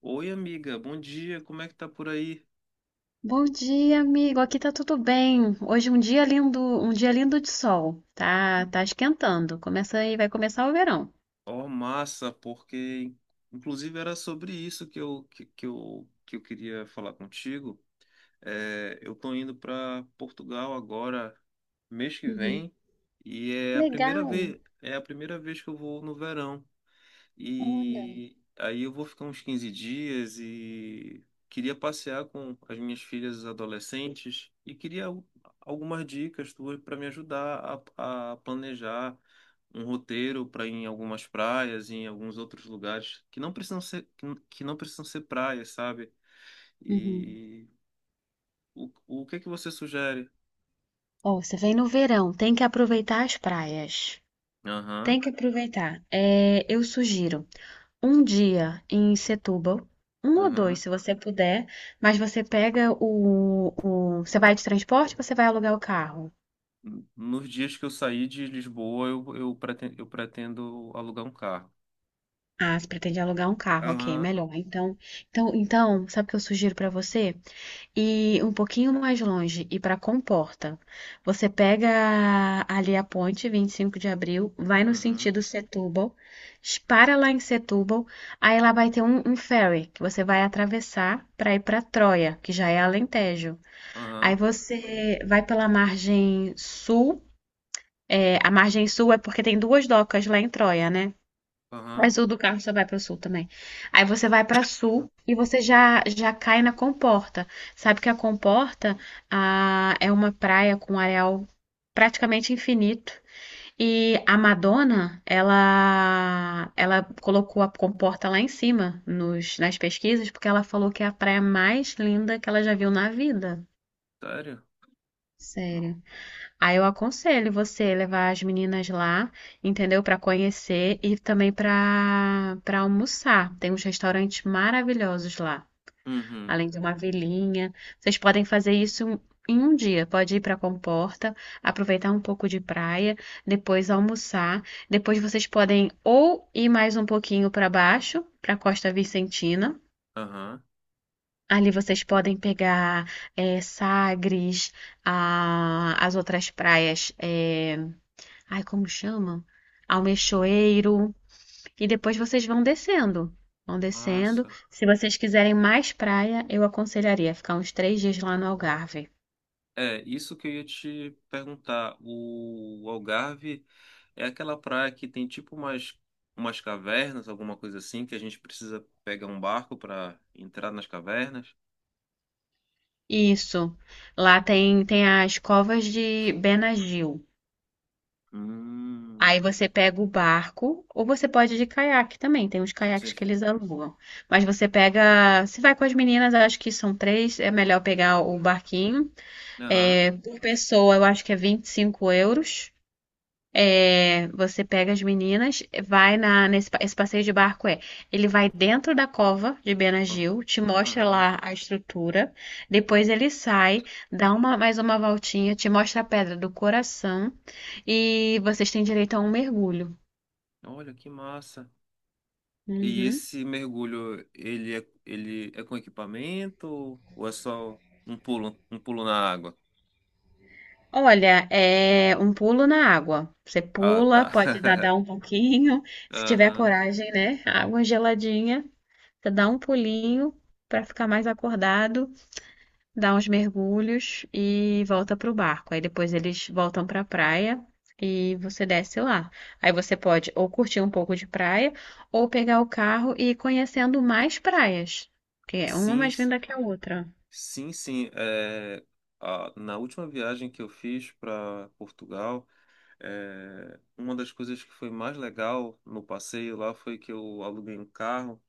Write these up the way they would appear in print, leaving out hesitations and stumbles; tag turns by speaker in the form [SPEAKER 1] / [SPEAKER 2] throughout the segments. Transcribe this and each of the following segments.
[SPEAKER 1] Oi, amiga, bom dia, como é que tá por aí?
[SPEAKER 2] Bom dia, amigo. Aqui tá tudo bem. Hoje é um dia lindo de sol. Tá esquentando. Começa aí, vai começar o verão.
[SPEAKER 1] Ó, massa, porque inclusive era sobre isso que eu queria falar contigo. É, eu tô indo para Portugal agora, mês que
[SPEAKER 2] Uhum.
[SPEAKER 1] vem, e é a primeira
[SPEAKER 2] Legal.
[SPEAKER 1] vez, é a primeira vez que eu vou no verão.
[SPEAKER 2] Olha.
[SPEAKER 1] E aí eu vou ficar uns 15 dias e queria passear com as minhas filhas adolescentes e queria algumas dicas tuas para me ajudar a planejar um roteiro para ir em algumas praias, em alguns outros lugares que não precisam ser praias, sabe?
[SPEAKER 2] Uhum.
[SPEAKER 1] E o que é que você sugere?
[SPEAKER 2] Ó, você vem no verão, tem que aproveitar as praias.
[SPEAKER 1] Aham,
[SPEAKER 2] Tem que aproveitar. É, eu sugiro um dia em Setúbal, um ou dois,
[SPEAKER 1] aham.
[SPEAKER 2] se você puder, mas você pega você vai de transporte, ou você vai alugar o carro.
[SPEAKER 1] Nos dias que eu sair de Lisboa, eu pretendo alugar um carro.
[SPEAKER 2] Ah, você pretende alugar um carro, ok,
[SPEAKER 1] Aham.
[SPEAKER 2] melhor. Então, sabe o que eu sugiro pra você? Ir um pouquinho mais longe, ir pra Comporta. Você pega ali a ponte 25 de abril, vai no
[SPEAKER 1] Uhum.
[SPEAKER 2] sentido Setúbal, para lá em Setúbal, aí lá vai ter um ferry que você vai atravessar pra ir pra Troia, que já é Alentejo. Aí
[SPEAKER 1] Aham,
[SPEAKER 2] você vai pela margem sul, é, a margem sul é porque tem duas docas lá em Troia, né?
[SPEAKER 1] aham.
[SPEAKER 2] Mas o do carro só vai para o sul também. Aí você vai para
[SPEAKER 1] Hum,
[SPEAKER 2] sul e você já já cai na Comporta. Sabe que a Comporta é uma praia com areal praticamente infinito. E a Madonna, ela colocou a Comporta lá em cima nas pesquisas porque ela falou que é a praia mais linda que ela já viu na vida.
[SPEAKER 1] sério? Não.
[SPEAKER 2] Sério. Aí eu aconselho você levar as meninas lá, entendeu? Para conhecer e também para almoçar. Tem uns restaurantes maravilhosos lá,
[SPEAKER 1] Uhum.
[SPEAKER 2] além de uma vilinha. Vocês podem fazer isso em um dia. Pode ir para Comporta, aproveitar um pouco de praia, depois almoçar. Depois vocês podem ou ir mais um pouquinho para baixo, para Costa Vicentina.
[SPEAKER 1] Aham,
[SPEAKER 2] Ali vocês podem pegar Sagres, as outras praias. Ai, como chamam, Almeixoeiro. E depois vocês vão descendo. Vão descendo.
[SPEAKER 1] massa.
[SPEAKER 2] Se vocês quiserem mais praia, eu aconselharia ficar uns 3 dias lá no Algarve.
[SPEAKER 1] É, isso que eu ia te perguntar. O Algarve é aquela praia que tem tipo umas cavernas, alguma coisa assim, que a gente precisa pegar um barco para entrar nas cavernas?
[SPEAKER 2] Isso. Lá tem, tem as covas de Benagil.
[SPEAKER 1] Hum.
[SPEAKER 2] Aí você pega o barco, ou você pode ir de caiaque também. Tem uns
[SPEAKER 1] Sim,
[SPEAKER 2] caiaques que
[SPEAKER 1] sim.
[SPEAKER 2] eles alugam. Mas você pega. Se vai com as meninas, eu acho que são três. É melhor pegar o barquinho.
[SPEAKER 1] Aham,
[SPEAKER 2] É, por pessoa, eu acho que é 25 euros. É, você pega as meninas, vai esse passeio de barco é, ele vai dentro da cova de
[SPEAKER 1] ó,
[SPEAKER 2] Benagil, te mostra
[SPEAKER 1] aham.
[SPEAKER 2] lá a estrutura, depois ele sai, dá uma voltinha, te mostra a pedra do coração e vocês têm direito a um mergulho.
[SPEAKER 1] Olha que massa. E
[SPEAKER 2] Uhum.
[SPEAKER 1] esse mergulho, ele é com equipamento ou é só um pulo na água?
[SPEAKER 2] Olha, é um pulo na água. Você
[SPEAKER 1] Ah,
[SPEAKER 2] pula,
[SPEAKER 1] tá.
[SPEAKER 2] pode nadar um pouquinho, se tiver
[SPEAKER 1] Aham.
[SPEAKER 2] coragem, né? Água geladinha, você dá um pulinho para ficar mais acordado. Dá uns mergulhos e volta pro barco. Aí depois eles voltam pra praia e você desce lá. Aí você pode ou curtir um pouco de praia ou pegar o carro e ir conhecendo mais praias, porque é uma
[SPEAKER 1] Sim,
[SPEAKER 2] mais linda que a outra.
[SPEAKER 1] sim, sim. É, ah, na última viagem que eu fiz para Portugal, uma das coisas que foi mais legal no passeio lá foi que eu aluguei um carro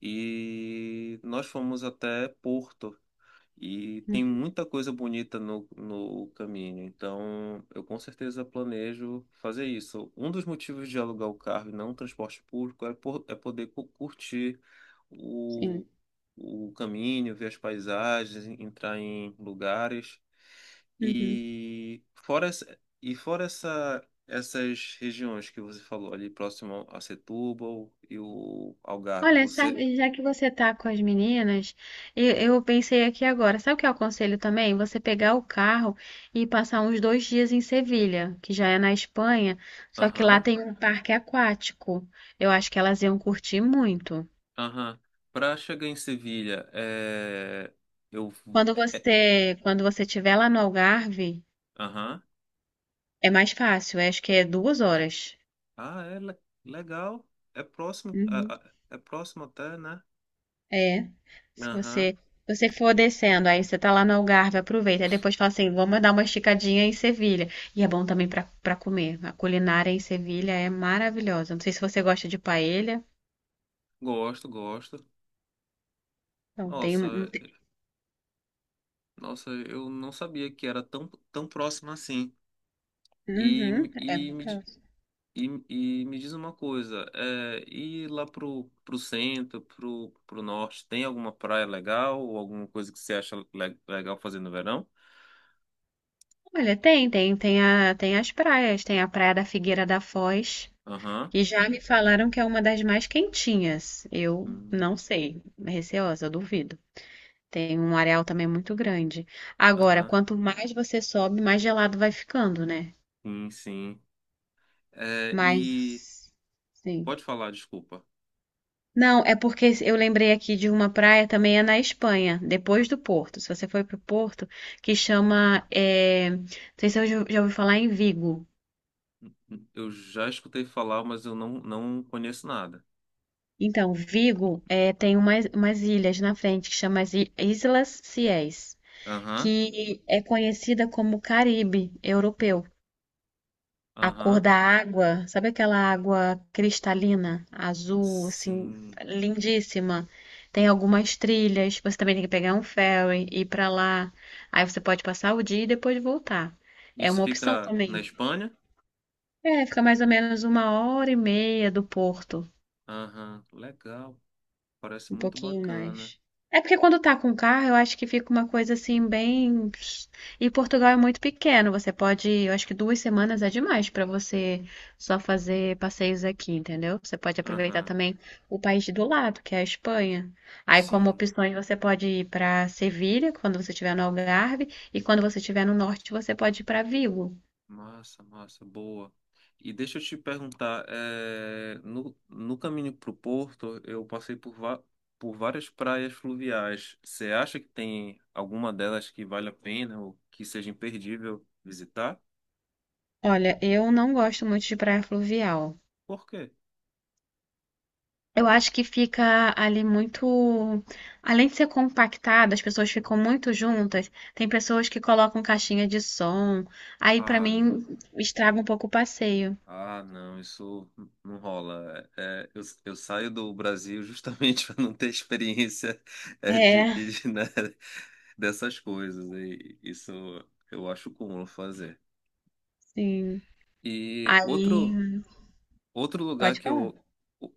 [SPEAKER 1] e nós fomos até Porto. E tem
[SPEAKER 2] Uhum,
[SPEAKER 1] muita coisa bonita no caminho, então eu com certeza planejo fazer isso. Um dos motivos de alugar o carro e não transporte público é poder curtir
[SPEAKER 2] sim.
[SPEAKER 1] o, o caminho, ver as paisagens, entrar em lugares.
[SPEAKER 2] Uhum.
[SPEAKER 1] Essas regiões que você falou ali próximo a Setúbal e o Algarve,
[SPEAKER 2] Olha,
[SPEAKER 1] você.
[SPEAKER 2] sabe- já que você tá com as meninas, eu pensei aqui agora, sabe o que eu aconselho também? Você pegar o carro e passar uns 2 dias em Sevilha, que já é na Espanha, só que lá
[SPEAKER 1] Aham.
[SPEAKER 2] tem um parque aquático. Eu acho que elas iam curtir muito.
[SPEAKER 1] Aham. Pra chegar em Sevilha, eu.
[SPEAKER 2] Quando
[SPEAKER 1] é- é-
[SPEAKER 2] você, quando você estiver lá no Algarve,
[SPEAKER 1] Aham.
[SPEAKER 2] é mais fácil, acho que é 2 horas.
[SPEAKER 1] Ah, é legal. É próximo,
[SPEAKER 2] Uhum.
[SPEAKER 1] é próximo até, né?
[SPEAKER 2] É. Se
[SPEAKER 1] Aham.
[SPEAKER 2] você, você for descendo, aí você tá lá no Algarve, aproveita. Aí depois fala assim, vamos dar uma esticadinha em Sevilha. E é bom também pra para comer. A culinária em Sevilha é maravilhosa. Não sei se você gosta de paella.
[SPEAKER 1] Gosto, gosto.
[SPEAKER 2] Então tem
[SPEAKER 1] Nossa,
[SPEAKER 2] um.
[SPEAKER 1] nossa, eu não sabia que era tão, tão próximo assim. E,
[SPEAKER 2] Uhum,
[SPEAKER 1] me-
[SPEAKER 2] é
[SPEAKER 1] e, me, di-
[SPEAKER 2] maravilhoso.
[SPEAKER 1] e, e me diz uma coisa, e lá pro, pro centro, pro norte, tem alguma praia legal ou alguma coisa que você acha legal fazer no verão?
[SPEAKER 2] Olha, tem as praias, tem a Praia da Figueira da Foz,
[SPEAKER 1] Aham.
[SPEAKER 2] que já me falaram que é uma das mais quentinhas. Eu
[SPEAKER 1] Hum,
[SPEAKER 2] não sei, receosa, duvido. Tem um areal também muito grande. Agora,
[SPEAKER 1] aham.
[SPEAKER 2] quanto mais você sobe, mais gelado vai ficando, né?
[SPEAKER 1] Sim, sim. É, e
[SPEAKER 2] Mas, sim.
[SPEAKER 1] pode falar, desculpa.
[SPEAKER 2] Não, é porque eu lembrei aqui de uma praia também é na Espanha, depois do Porto. Se você for para o Porto, que chama, é, não sei se eu já ouvi falar em Vigo.
[SPEAKER 1] Eu já escutei falar, mas eu não conheço nada.
[SPEAKER 2] Então, Vigo é, tem umas ilhas na frente que chama as Islas Ciés,
[SPEAKER 1] Aham,
[SPEAKER 2] que é conhecida como Caribe europeu. A cor
[SPEAKER 1] aham.
[SPEAKER 2] da água, sabe aquela água cristalina, azul, assim,
[SPEAKER 1] Sim.
[SPEAKER 2] lindíssima? Tem algumas trilhas, você também tem que pegar um ferry, ir pra lá. Aí você pode passar o dia e depois voltar. É
[SPEAKER 1] Isso
[SPEAKER 2] uma opção
[SPEAKER 1] fica na
[SPEAKER 2] também.
[SPEAKER 1] Espanha?
[SPEAKER 2] É, fica mais ou menos uma hora e meia do porto.
[SPEAKER 1] Aham, legal. Parece
[SPEAKER 2] Um
[SPEAKER 1] muito
[SPEAKER 2] pouquinho
[SPEAKER 1] bacana.
[SPEAKER 2] mais. É porque quando tá com carro, eu acho que fica uma coisa assim bem. E Portugal é muito pequeno, você pode, eu acho que 2 semanas é demais pra você só fazer passeios aqui, entendeu? Você pode aproveitar
[SPEAKER 1] Aham,
[SPEAKER 2] também o país do lado, que é a Espanha. Aí, como
[SPEAKER 1] sim.
[SPEAKER 2] opções, você pode ir pra Sevilha, quando você estiver no Algarve, e quando você estiver no norte, você pode ir pra Vigo.
[SPEAKER 1] Massa, massa, boa. E deixa eu te perguntar, no caminho para o Porto, eu passei por várias praias fluviais. Você acha que tem alguma delas que vale a pena ou que seja imperdível visitar?
[SPEAKER 2] Olha, eu não gosto muito de praia fluvial.
[SPEAKER 1] Por quê?
[SPEAKER 2] Eu acho que fica ali muito. Além de ser compactado, as pessoas ficam muito juntas. Tem pessoas que colocam caixinha de som. Aí, pra
[SPEAKER 1] Ah, não.
[SPEAKER 2] mim, estraga um pouco o passeio.
[SPEAKER 1] Ah, não, isso não rola. É, eu saio do Brasil justamente para não ter experiência de,
[SPEAKER 2] É,
[SPEAKER 1] de, né, dessas coisas. E isso eu acho comum fazer.
[SPEAKER 2] sim.
[SPEAKER 1] E
[SPEAKER 2] Aí.
[SPEAKER 1] outro, Outro lugar
[SPEAKER 2] Pode
[SPEAKER 1] que
[SPEAKER 2] falar.
[SPEAKER 1] eu o-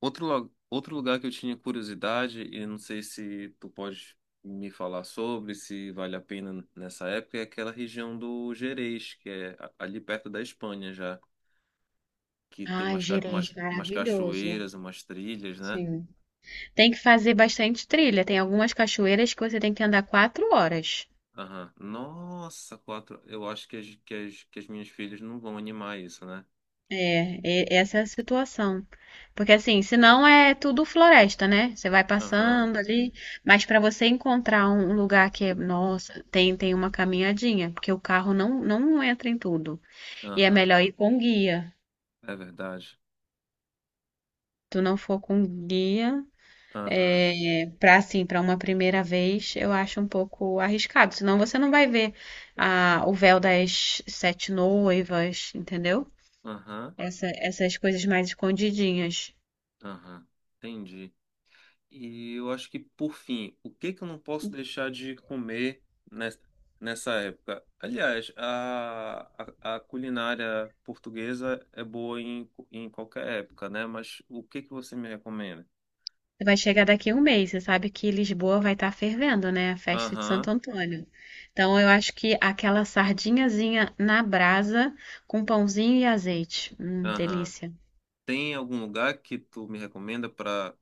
[SPEAKER 1] tinha curiosidade e não sei se tu pode me falar sobre, se vale a pena nessa época, é aquela região do Gerês, que é ali perto da Espanha já, que tem
[SPEAKER 2] Ai, Gerês,
[SPEAKER 1] umas
[SPEAKER 2] maravilhoso.
[SPEAKER 1] cachoeiras, umas trilhas, né?
[SPEAKER 2] Sim. Tem que fazer bastante trilha. Tem algumas cachoeiras que você tem que andar 4 horas.
[SPEAKER 1] Aham. Nossa, quatro. Eu acho que as minhas filhas não vão animar isso, né?
[SPEAKER 2] É, essa é a situação. Porque assim, senão é tudo floresta, né? Você vai
[SPEAKER 1] Aham,
[SPEAKER 2] passando ali, mas para você encontrar um lugar que é, nossa, tem uma caminhadinha, porque o carro não entra em tudo. E é
[SPEAKER 1] aham.
[SPEAKER 2] melhor ir com guia.
[SPEAKER 1] É verdade.
[SPEAKER 2] Tu não for com guia,
[SPEAKER 1] Aham,
[SPEAKER 2] é, para assim, para uma primeira vez, eu acho um pouco arriscado. Senão você não vai ver a, o véu das sete noivas, entendeu?
[SPEAKER 1] aham,
[SPEAKER 2] Essa- essas coisas mais escondidinhas.
[SPEAKER 1] aham. Entendi. E eu acho que, por fim, o que que eu não posso deixar de comer nes- nessa época? Aliás, a culinária portuguesa é boa em qualquer época, né? Mas o que que você me recomenda?
[SPEAKER 2] Vai chegar daqui um mês. Você sabe que Lisboa vai estar fervendo, né? A festa de Santo
[SPEAKER 1] Aham,
[SPEAKER 2] Antônio. Então, eu acho que aquela sardinhazinha na brasa com pãozinho e azeite.
[SPEAKER 1] aham.
[SPEAKER 2] Delícia.
[SPEAKER 1] Tem algum lugar que tu me recomenda para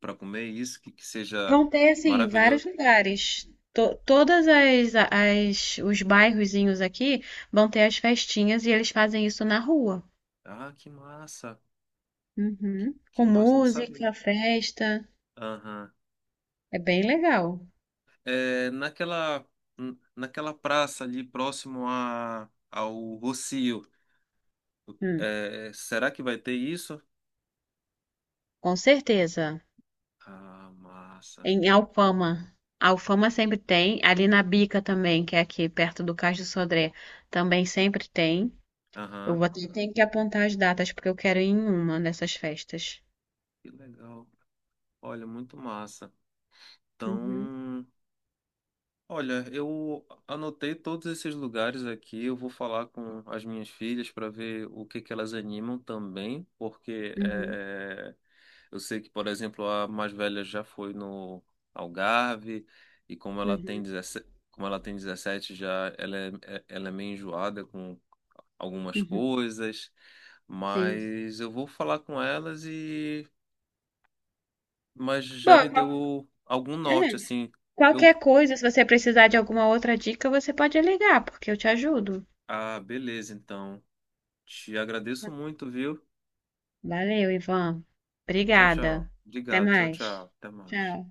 [SPEAKER 1] para comer isso que seja
[SPEAKER 2] Vão ter, assim, vários
[SPEAKER 1] maravilhoso?
[SPEAKER 2] lugares. To todas as, as- os bairrozinhos aqui vão ter as festinhas e eles fazem isso na rua.
[SPEAKER 1] Ah, que massa! Que,
[SPEAKER 2] Uhum.
[SPEAKER 1] que
[SPEAKER 2] Com
[SPEAKER 1] massa, não sabia.
[SPEAKER 2] música, festa.
[SPEAKER 1] Aham.
[SPEAKER 2] É bem legal.
[SPEAKER 1] é, naquela, naquela praça ali próximo a, ao Rossio.
[SPEAKER 2] Hum,
[SPEAKER 1] É, será que vai ter isso?
[SPEAKER 2] com certeza.
[SPEAKER 1] Ah, massa.
[SPEAKER 2] Em Alfama. Alfama sempre tem. Ali na Bica também, que é aqui perto do Cais do Sodré, também sempre tem. Eu
[SPEAKER 1] Aham,
[SPEAKER 2] vou ter tenho que apontar as datas, porque eu quero ir em uma dessas festas.
[SPEAKER 1] que legal. Olha, muito massa.
[SPEAKER 2] Uhum,
[SPEAKER 1] Então. Olha, eu anotei todos esses lugares aqui. Eu vou falar com as minhas filhas para ver o que que elas animam também, porque
[SPEAKER 2] uhum,
[SPEAKER 1] eu sei que, por exemplo, a mais velha já foi no Algarve e como ela tem
[SPEAKER 2] uhum,
[SPEAKER 1] 17, como ela tem 17 já ela é meio enjoada com algumas
[SPEAKER 2] uhum.
[SPEAKER 1] coisas,
[SPEAKER 2] Sim.
[SPEAKER 1] mas eu vou falar com elas e mas já me
[SPEAKER 2] Bom,
[SPEAKER 1] deu algum norte
[SPEAKER 2] é,
[SPEAKER 1] assim. Eu,
[SPEAKER 2] qualquer coisa, se você precisar de alguma outra dica, você pode ligar, porque eu te ajudo.
[SPEAKER 1] ah, beleza, então. Te agradeço muito, viu?
[SPEAKER 2] Valeu, Ivan.
[SPEAKER 1] Tchau, tchau.
[SPEAKER 2] Obrigada. Até
[SPEAKER 1] Obrigado. Tchau,
[SPEAKER 2] mais.
[SPEAKER 1] tchau. Até mais.
[SPEAKER 2] Tchau.